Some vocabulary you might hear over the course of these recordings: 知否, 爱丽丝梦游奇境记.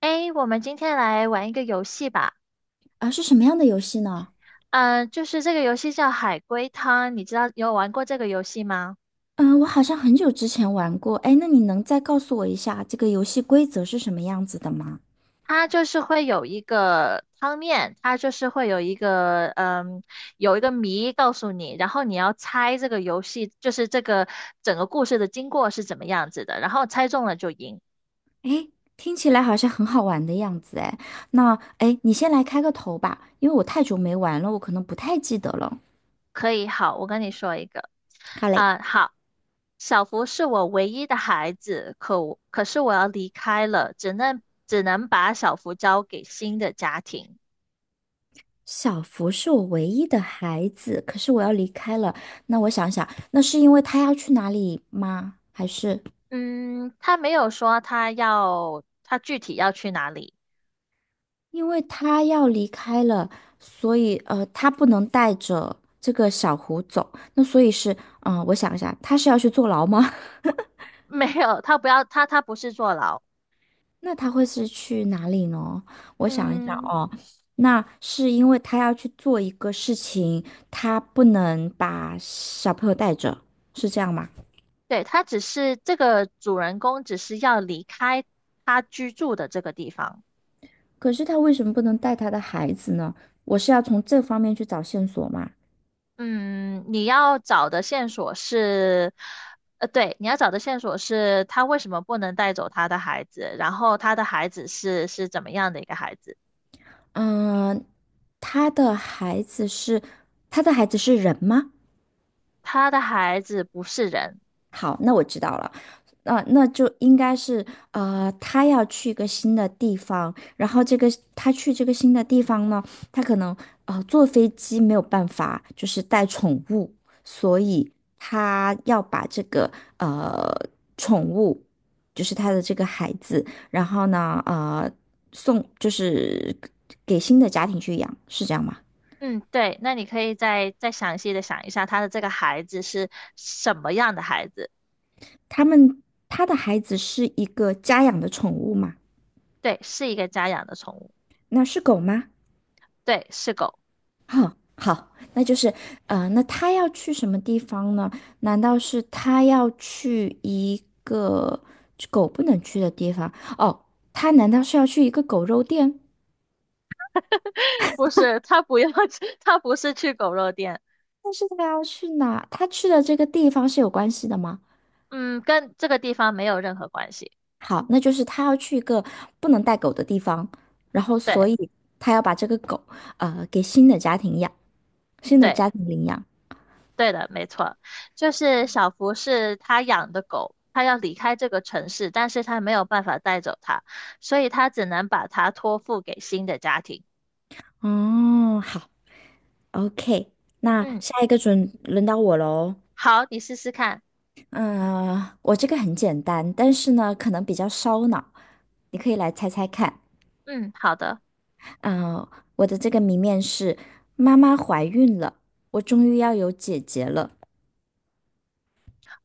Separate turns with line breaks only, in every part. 诶，我们今天来玩一个游戏吧。
啊，是什么样的游戏呢？
嗯、就是这个游戏叫海龟汤，你知道有玩过这个游戏吗？
嗯，我好像很久之前玩过。哎，那你能再告诉我一下这个游戏规则是什么样子的吗？
它就是会有一个汤面，它就是会有一个嗯，有一个谜告诉你，然后你要猜这个游戏，就是这个整个故事的经过是怎么样子的，然后猜中了就赢。
哎，听起来好像很好玩的样子。哎，那哎，你先来开个头吧，因为我太久没玩了，我可能不太记得了。
可以，好，我跟你说一个，
好嘞，
好，小福是我唯一的孩子，可是我要离开了，只能把小福交给新的家庭。
小福是我唯一的孩子，可是我要离开了。那我想想，那是因为他要去哪里吗？还是？
嗯，他没有说他具体要去哪里。
因为他要离开了，所以他不能带着这个小胡走。那所以是，我想一下，他是要去坐牢吗？
没有，他不是坐牢。
那他会是去哪里呢？我想一下
嗯，
哦，那是因为他要去做一个事情，他不能把小朋友带着，是这样吗？
对，他只是这个主人公只是要离开他居住的这个地方。
可是他为什么不能带他的孩子呢？我是要从这方面去找线索嘛？
嗯，你要找的线索是，呃，对，你要找的线索是他为什么不能带走他的孩子，然后他的孩子是怎么样的一个孩子？
嗯、他的孩子是，他的孩子是人吗？
他的孩子不是人。
好，那我知道了。那就应该是他要去一个新的地方，然后这个他去这个新的地方呢，他可能坐飞机没有办法，就是带宠物，所以他要把这个呃宠物，就是他的这个孩子，然后呢送就是给新的家庭去养，是这样吗？
嗯，对，那你可以再详细的想一下，他的这个孩子是什么样的孩子？
他们他的孩子是一个家养的宠物吗？
对，是一个家养的宠物。
那是狗吗？
对，是狗。
哼，好，那就是，那他要去什么地方呢？难道是他要去一个狗不能去的地方？哦，他难道是要去一个狗肉店？
不是，他不要去，他不是去狗肉店。
但是他要去哪？他去的这个地方是有关系的吗？
嗯，跟这个地方没有任何关系。
好，那就是他要去一个不能带狗的地方，然后
对。
所以他要把这个狗，呃，给新的家庭养，新的
对，
家庭领养。
对的，没错，就是小福是他养的狗，他要离开这个城市，但是他没有办法带走它，所以他只能把它托付给新的家庭。
哦，好，OK，那
嗯，
下一个准轮到我喽。
好，你试试看。
嗯，我这个很简单，但是呢，可能比较烧脑，你可以来猜猜看。
嗯，好的。
嗯，我的这个谜面是：妈妈怀孕了，我终于要有姐姐了。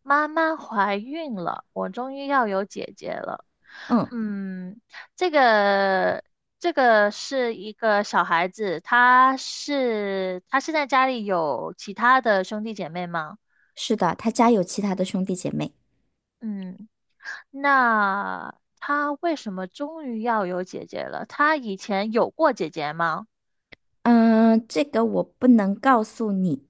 妈妈怀孕了，我终于要有姐姐了。
嗯，
嗯，这个这个是一个小孩子，他是在家里有其他的兄弟姐妹吗？
是的，她家有其他的兄弟姐妹。
嗯，那他为什么终于要有姐姐了？他以前有过姐姐吗
嗯，这个我不能告诉你。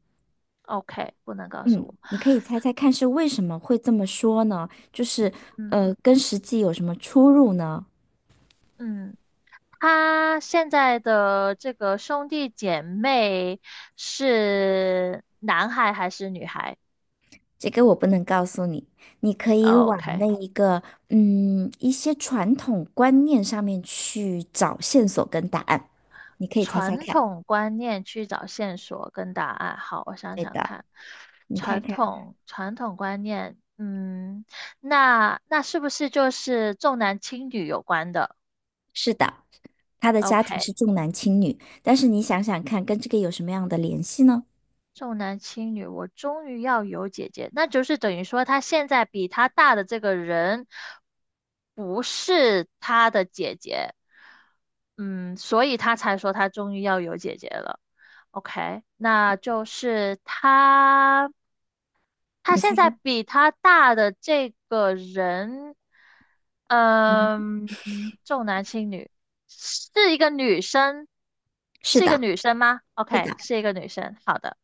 ？OK,不能告诉
嗯，
我。
你可以猜猜看是为什么会这么说呢？就是
嗯
跟实际有什么出入呢？
嗯，他现在的这个兄弟姐妹是男孩还是女孩
这个我不能告诉你，你可以往
？OK,
那一个一些传统观念上面去找线索跟答案，你可以猜猜
传
看。
统观念去找线索跟答案。好，我想
对
想
的，
看，
你看看，
传统观念，嗯，那那是不是就是重男轻女有关的
是的，他的家庭是
？OK。
重男轻女，但是你想想看，跟这个有什么样的联系呢？
重男轻女，我终于要有姐姐，那就是等于说他现在比他大的这个人不是他的姐姐，嗯，所以他才说他终于要有姐姐了。OK,那就是他，他
你猜，
现在比他大的这个人，
嗯，
嗯，重男轻女，是一个女生，
是
是一个
的，
女生吗
是
？OK,
的。
是一个女生，好的。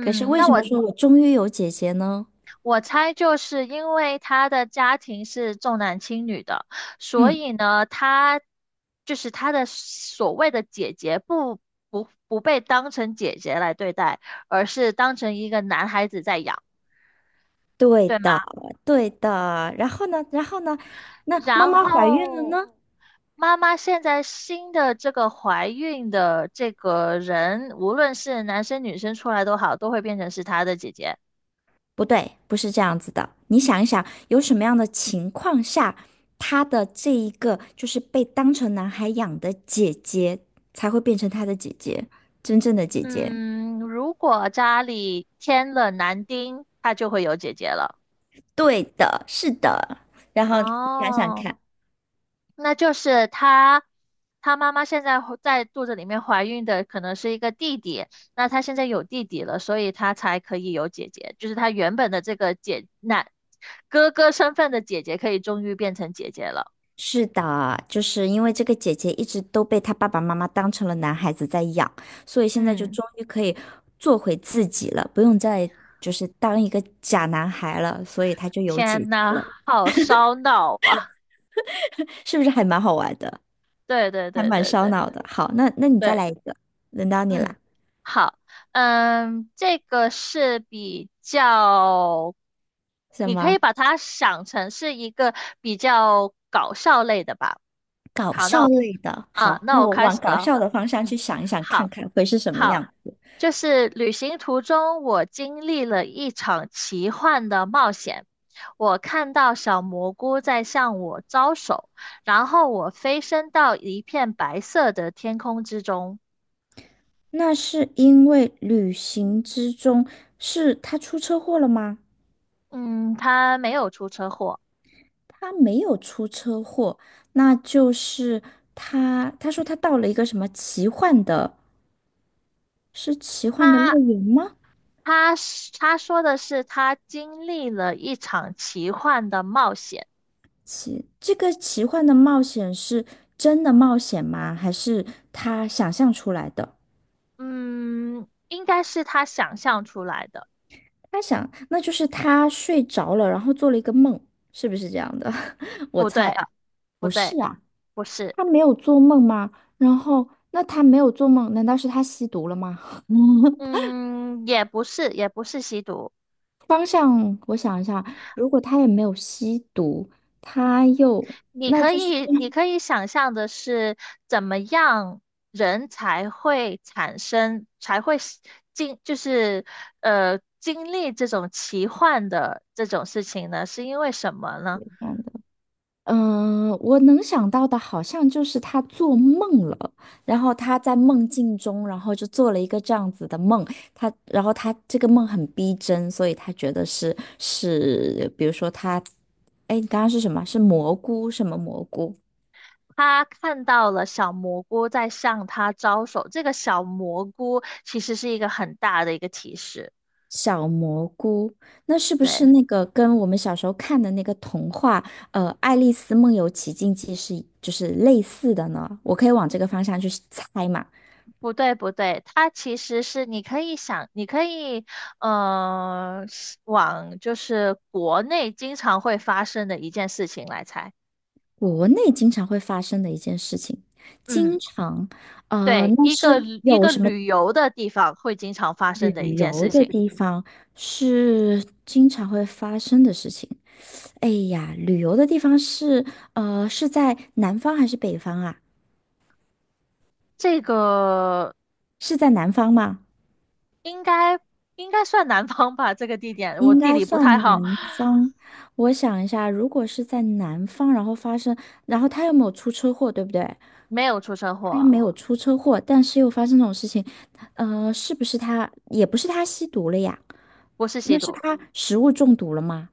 可是为
那
什么说我终于有姐姐呢？
我猜就是因为他的家庭是重男轻女的，所
嗯，
以呢，就是他的所谓的姐姐不不被当成姐姐来对待，而是当成一个男孩子在养，
对
对吗？
的，对的。然后呢，然后呢，那妈
然
妈怀孕了
后
呢？
妈妈现在新的这个怀孕的这个人，无论是男生女生出来都好，都会变成是他的姐姐。
不对，不是这样子的。你想一想，有什么样的情况下，他的这一个就是被当成男孩养的姐姐，才会变成他的姐姐，真正的姐姐？
嗯，如果家里添了男丁，他就会有姐姐了。
对的，是的。然后你想想
哦，
看，
那就是她，她妈妈现在怀在肚子里面怀孕的可能是一个弟弟，那她现在有弟弟了，所以她才可以有姐姐，就是她原本的这个哥哥身份的姐姐可以终于变成姐姐了。
是的，就是因为这个姐姐一直都被他爸爸妈妈当成了男孩子在养，所以现在就
嗯，
终于可以做回自己了，不用再就是当一个假男孩了，所以他就有姐
天
姐
呐，
了，
好烧脑啊！
是不是还蛮好玩的？
对对
还
对
蛮
对
烧
对
脑的。好，那你再
对。
来一个，轮到你
嗯，
了。
好，嗯，这个是比较，
什
你可以
么
把它想成是一个比较搞笑类的吧。
搞
好，
笑类的？
啊，
好，
那
那
我
我
开
往
始
搞
了。
笑的方向去
嗯，
想一想，看
好，
看会是什么
好，
样。
就是旅行途中，我经历了一场奇幻的冒险。我看到小蘑菇在向我招手，然后我飞升到一片白色的天空之中。
那是因为旅行之中是他出车祸了吗？
嗯，他没有出车祸。
他没有出车祸，那就是他说他到了一个什么奇幻的，是奇幻的
他
乐园吗？
他说的是他经历了一场奇幻的冒险。
奇，这个奇幻的冒险是真的冒险吗？还是他想象出来的？
嗯，应该是他想象出来的。
他想，那就是他睡着了，然后做了一个梦，是不是这样的？我
不
猜
对，
啊，
不对，不是。
他没有做梦吗？然后，那他没有做梦，难道是他吸毒了吗？嗯
嗯，也不是，也不是吸毒。
方向，我想一下，如果他也没有吸毒，他又，那就是这
你可以想象的是怎么样人才会是经就是呃经历这种奇幻的这种事情呢？是因为什么呢？
样的。嗯，我能想到的好像就是他做梦了，然后他在梦境中，然后就做了一个这样子的梦，他，然后他这个梦很逼真，所以他觉得是，比如说他，哎，你刚刚是什么？是蘑菇，什么蘑菇？
他看到了小蘑菇在向他招手，这个小蘑菇其实是一个很大的一个提示。
小蘑菇，那是不是
对，
那个跟我们小时候看的那个童话，呃，《爱丽丝梦游奇境记》是就是类似的呢？我可以往这个方向去猜嘛？
不对，不对，它其实是你可以想，你可以，呃，是往就是国内经常会发生的一件事情来猜。
国内经常会发生的一件事情，
嗯，
经常，呃，
对，
那是
一
有
个
什么
旅游的地方会经常发生的一
旅
件
游
事
的
情。
地方是经常会发生的事情？哎呀，旅游的地方是，呃，是在南方还是北方啊？
这个
是在南方吗？
应该应该算南方吧，这个地点我
应
地
该
理不太
算
好。
南方。我想一下，如果是在南方，然后发生，然后他又没有出车祸，对不对？
没有出车
他
祸。
没有出车祸，但是又发生这种事情，呃，是不是他，也不是他吸毒了呀？
不是吸
那是
毒。
他食物中毒了吗？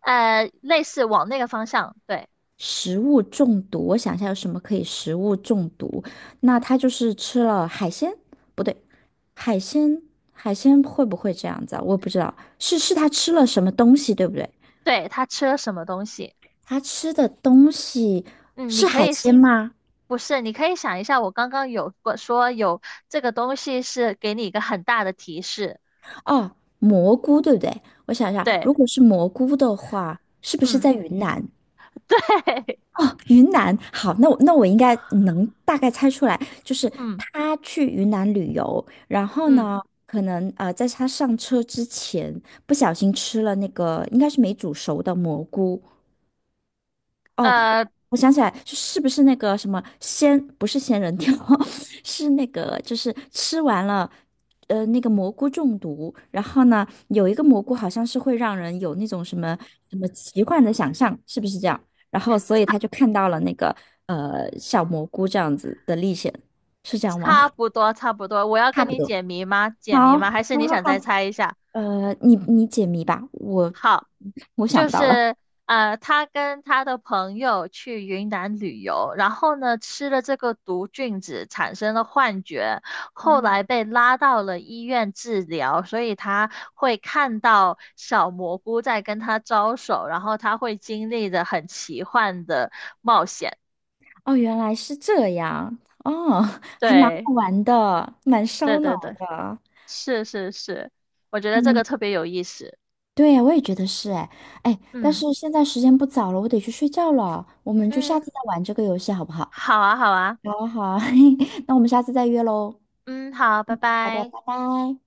呃，类似往那个方向，对。
食物中毒，我想一下有什么可以食物中毒？那他就是吃了海鲜，不对，海鲜，海鲜会不会这样子啊？我不知道，是他吃了什么东西，对不对？
对，他吃了什么东西？
他吃的东西
嗯，你
是
可
海
以是。
鲜吗？
不是，你可以想一下，我刚刚有过说有这个东西是给你一个很大的提示。
哦，蘑菇，对不对？我想一下，
对。
如果是蘑菇的话，是不是
嗯，
在云南？
对。
哦，云南，好，那我应该能大概猜出来，就是
嗯
他去云南旅游，然后
嗯。
呢，可能在他上车之前不小心吃了那个应该是没煮熟的蘑菇。哦，
呃，
我想起来，就是不是那个什么仙，不是仙人跳，是那个就是吃完了。那个蘑菇中毒，然后呢，有一个蘑菇好像是会让人有那种什么什么奇幻的想象，是不是这样？然后所以他就看到了那个小蘑菇这样子的历险，是这样吗？
差不多，我要
差
跟
不
你
多。
解谜吗？解谜吗？
好，
还是你想再猜一下？
你解谜吧，我想
就
不到了。
是呃，他跟他的朋友去云南旅游，然后呢吃了这个毒菌子，产生了幻觉，后来被拉到了医院治疗，所以他会看到小蘑菇在跟他招手，然后他会经历的很奇幻的冒险。
哦，原来是这样，哦，还蛮
对，
好玩的，蛮
对
烧脑
对对，
的。
是是是，我觉得这
嗯
个特别有意思。
对呀，我也觉得是哎哎，但
嗯
是现在时间不早了，我得去睡觉了。我们就下
嗯，
次再玩这个游戏好不好？
好啊好啊，
好啊，好啊，那我们下次再约喽。
嗯好，拜
好的，
拜。
拜拜。